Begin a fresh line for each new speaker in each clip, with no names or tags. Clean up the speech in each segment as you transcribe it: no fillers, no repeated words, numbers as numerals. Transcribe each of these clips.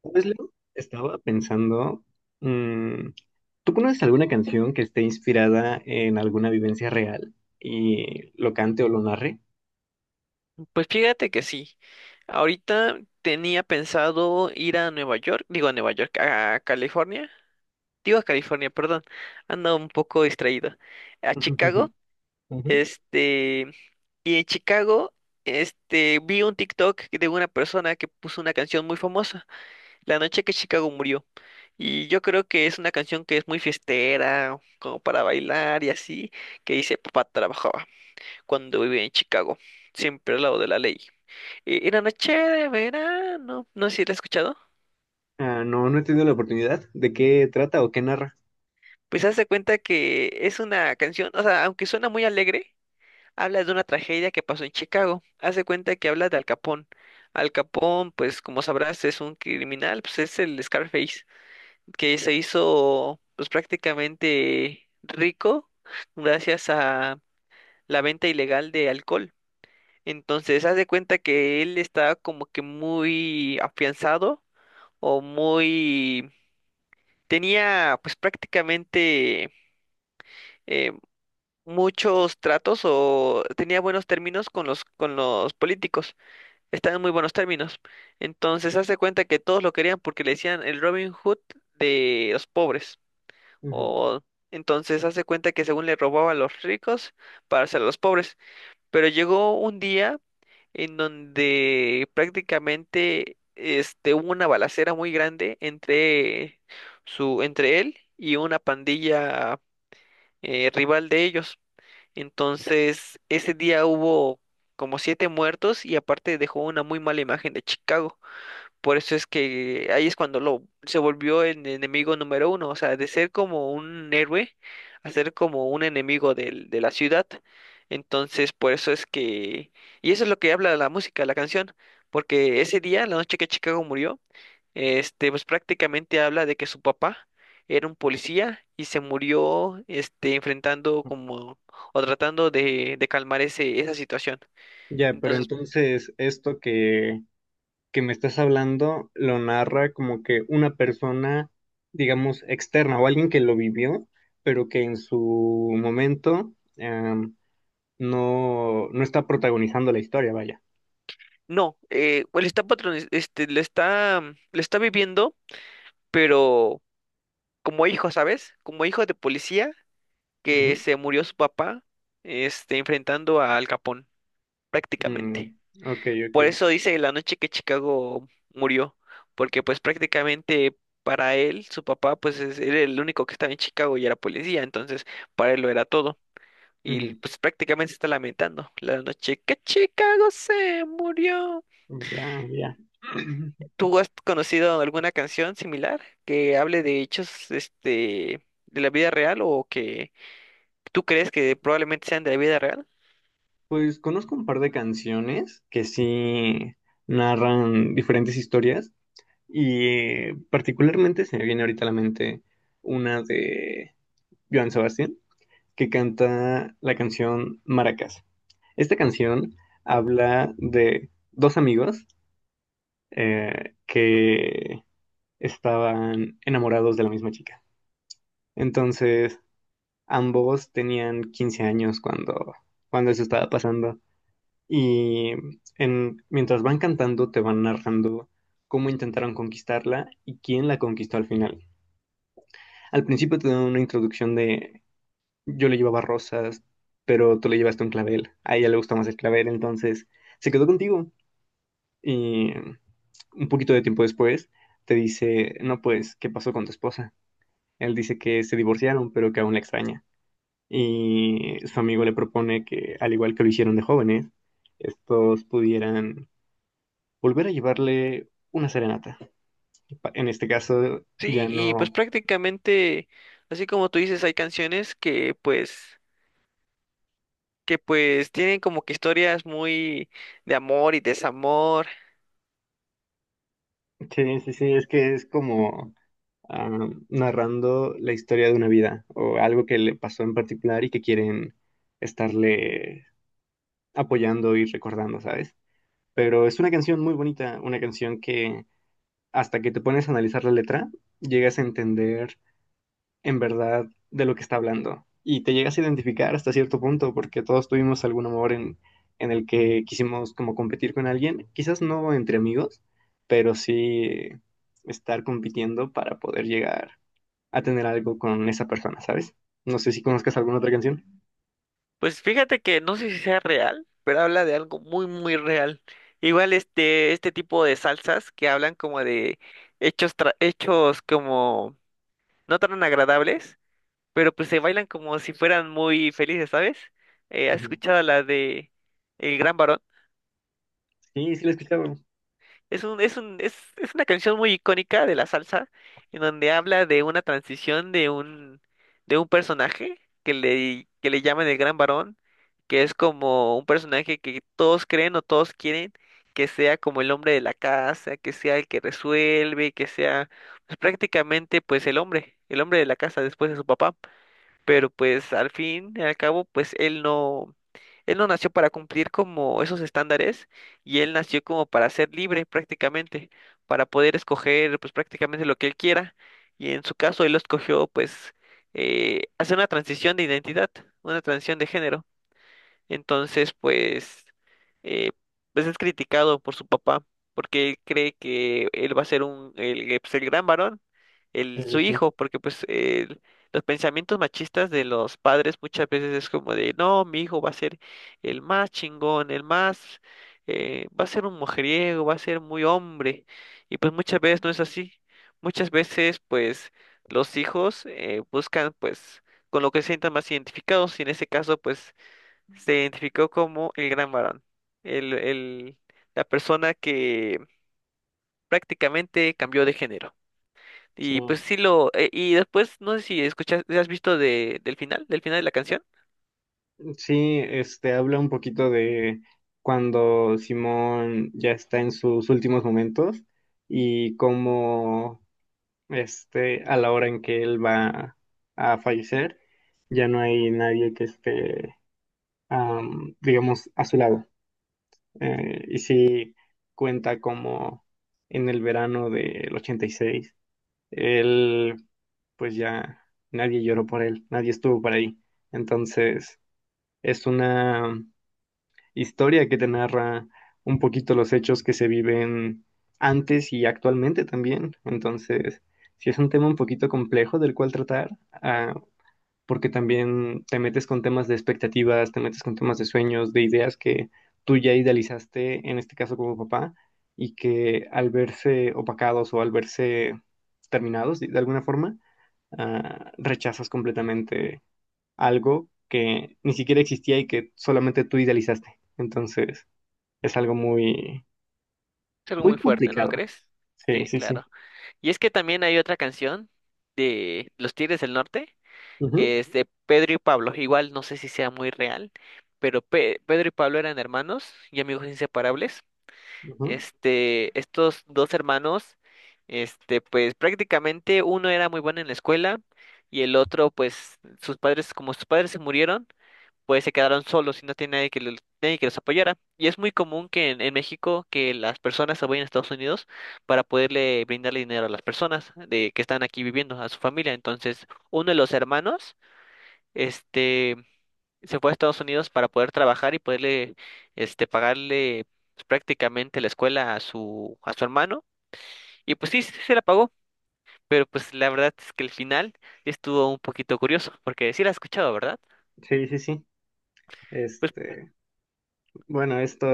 Pues, Leo, estaba pensando, mm, ¿tú conoces alguna canción que esté inspirada en alguna vivencia real y lo cante o lo narre?
Pues fíjate que sí. Ahorita tenía pensado ir a Nueva York, digo a Nueva York, a California, digo a California, perdón, ando un poco distraído, a Chicago,
Ujú.
este, y en Chicago, vi un TikTok de una persona que puso una canción muy famosa, La noche que Chicago murió, y yo creo que es una canción que es muy fiestera, como para bailar y así, que dice, papá trabajaba cuando vivía en Chicago, siempre al lado de la ley. Era noche de verano, no sé si la has escuchado.
Ah, no, no he tenido la oportunidad. ¿De qué trata o qué narra?
Pues hazte cuenta que es una canción, o sea, aunque suena muy alegre, habla de una tragedia que pasó en Chicago. Hace cuenta que habla de Al Capón. Al Capón, pues como sabrás, es un criminal, pues es el Scarface, que se hizo pues prácticamente rico gracias a la venta ilegal de alcohol. Entonces, haz de cuenta que él está como que muy afianzado o muy tenía pues prácticamente eh, muchos tratos o tenía buenos términos con los políticos, estaban en muy buenos términos. Entonces hace cuenta que todos lo querían porque le decían el Robin Hood de los pobres.
Ujú.
O entonces hace cuenta que según le robaba a los ricos para hacer a los pobres. Pero llegó un día en donde prácticamente hubo una balacera muy grande entre él y una pandilla rival de ellos. Entonces, ese día hubo como siete muertos y aparte dejó una muy mala imagen de Chicago. Por eso es que ahí es cuando lo se volvió el enemigo número uno, o sea, de ser como un héroe a ser como un enemigo de la ciudad. Entonces, por eso es que. Y eso es lo que habla la música, la canción, porque ese día, la noche que Chicago murió, pues prácticamente habla de que su papá era un policía y se murió, enfrentando como o tratando de calmar esa situación.
Ya, pero
Entonces,
entonces esto que me estás hablando lo narra como que una persona, digamos, externa o alguien que lo vivió, pero que en su momento, no está protagonizando la historia, vaya.
no, él está patroniz- este, le está, mm, le está viviendo, pero como hijo, ¿sabes? Como hijo de policía que
Ujú.
se murió su papá, enfrentando a Al Capón,
Mm,
prácticamente.
ok,
Por
ok.
eso dice la noche que Chicago murió, porque pues prácticamente para él, su papá, pues era el único que estaba en Chicago y era policía, entonces para él lo era todo. Y
Ujú.
pues prácticamente se está lamentando la noche que Chicago se murió.
Ya, ya.
¿Tú has conocido alguna canción similar que hable de hechos, de la vida real o que tú crees que probablemente sean de la vida real?
Pues conozco un par de canciones que sí narran diferentes historias y particularmente se me viene ahorita a la mente una de Joan Sebastián que canta la canción Maracas. Esta canción habla de dos amigos que estaban enamorados de la misma chica. Entonces, ambos tenían 15 años cuando eso estaba pasando. Y en, mientras van cantando, te van narrando cómo intentaron conquistarla y quién la conquistó al final. Al principio te dan una introducción de yo le llevaba rosas, pero tú le llevaste un clavel. A ella le gusta más el clavel, entonces se quedó contigo. Y un poquito de tiempo después te dice, no, pues, ¿qué pasó con tu esposa? Él dice que se divorciaron, pero que aún la extraña, y su amigo le propone que, al igual que lo hicieron de jóvenes, estos pudieran volver a llevarle una serenata. En este caso, ya
Sí, y pues
no.
prácticamente, así como tú dices, hay canciones que pues tienen como que historias muy de amor y desamor.
Sí, sí, sí, es que es como narrando la historia de una vida o algo que le pasó en particular y que quieren estarle apoyando y recordando, ¿sabes? Pero es una canción muy bonita, una canción que hasta que te pones a analizar la letra, llegas a entender en verdad de lo que está hablando. Y te llegas a identificar hasta cierto punto, porque todos tuvimos algún amor en el que quisimos como competir con alguien, quizás no entre amigos, pero sí estar compitiendo para poder llegar a tener algo con esa persona, ¿sabes? No sé si conozcas alguna otra canción.
Pues fíjate que no sé si sea real, pero habla de algo muy muy real. Igual este tipo de salsas que hablan como de hechos como no tan agradables, pero pues se bailan como si fueran muy felices, ¿sabes? ¿Has
Ujú.
escuchado la de El Gran Varón?
Sí, sí la he escuchado.
Es una canción muy icónica de la salsa, en donde habla de una transición de un, personaje que le llaman el Gran Varón, que es como un personaje que todos creen o todos quieren que sea como el hombre de la casa, que sea el que resuelve, que sea pues, prácticamente pues el hombre de la casa después de su papá, pero pues al fin y al cabo, pues él no nació para cumplir como esos estándares y él nació como para ser libre prácticamente, para poder escoger pues prácticamente lo que él quiera, y en su caso él lo escogió pues hacer una transición de identidad, una transición de género. Entonces, pues, eh, pues es criticado por su papá porque él cree que él va a ser el gran varón,
Sí, sí,
su
sí.
hijo, porque pues los pensamientos machistas de los padres muchas veces es como de, no, mi hijo va a ser el más chingón, el más, va a ser un mujeriego, va a ser muy hombre, y pues muchas veces no es así. Muchas veces, pues, los hijos buscan, pues, con lo que se sientan más identificados, y en ese caso, pues, se identificó como el gran varón, el, el- la persona que prácticamente cambió de género.
Sí.
Y pues sí y después, no sé si escuchas, si has visto del final de la canción,
Sí, este habla un poquito de cuando Simón ya está en sus últimos momentos y cómo este, a la hora en que él va a fallecer, ya no hay nadie que esté, digamos, a su lado. Y sí cuenta como en el verano del 86 él, pues ya nadie lloró por él, nadie estuvo por ahí. Entonces, es una historia que te narra un poquito los hechos que se viven antes y actualmente también. Entonces, sí es un tema un poquito complejo del cual tratar, porque también te metes con temas de expectativas, te metes con temas de sueños, de ideas que tú ya idealizaste, en este caso como papá, y que al verse opacados o al verse terminados de alguna forma, rechazas completamente algo que ni siquiera existía y que solamente tú idealizaste. Entonces, es algo muy,
es algo muy
muy
fuerte, ¿no
complicado.
crees?
Sí,
Sí,
sí, sí.
claro. Y es que también hay otra canción de Los Tigres del Norte,
Ujú,
que es de Pedro y Pablo, igual no sé si sea muy real, pero Pedro y Pablo eran hermanos y amigos inseparables.
ujú.
Estos dos hermanos, pues prácticamente uno era muy bueno en la escuela y el otro, pues sus padres, como sus padres se murieron, pues se quedaron solos y no tiene nadie que los, apoyara. Y es muy común que en México que las personas se vayan a Estados Unidos para poderle brindarle dinero a las personas de que están aquí viviendo, a su familia. Entonces, uno de los hermanos, este se fue a Estados Unidos para poder trabajar y poderle, pagarle pues, prácticamente la escuela a su, hermano. Y pues sí, sí se la pagó, pero pues la verdad es que el final estuvo un poquito curioso, porque sí la has escuchado, ¿verdad?
Sí, sí, sí.
Pues
Este, bueno, esto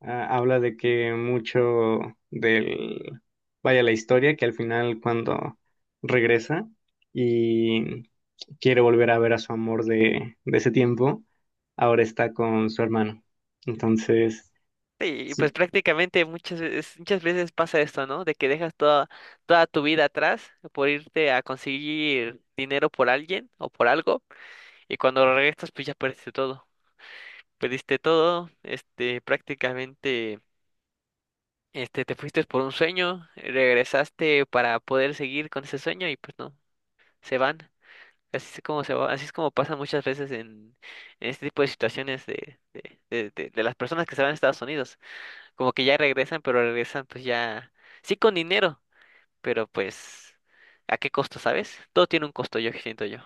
habla de que mucho del, vaya la historia, que al final cuando regresa y quiere volver a ver a su amor de ese tiempo, ahora está con su hermano. Entonces,
sí, pues
sí,
prácticamente muchas veces pasa esto, ¿no? De que dejas toda tu vida atrás por irte a conseguir dinero por alguien o por algo, y cuando regresas, pues ya perdiste todo. Perdiste todo, prácticamente. Te fuiste por un sueño, regresaste para poder seguir con ese sueño y pues no, se van. Así es como se va, así es como pasa muchas veces en, este tipo de situaciones de las personas que se van a Estados Unidos. Como que ya regresan, pero regresan pues ya, sí con dinero, pero pues, ¿a qué costo, sabes? Todo tiene un costo, yo siento yo.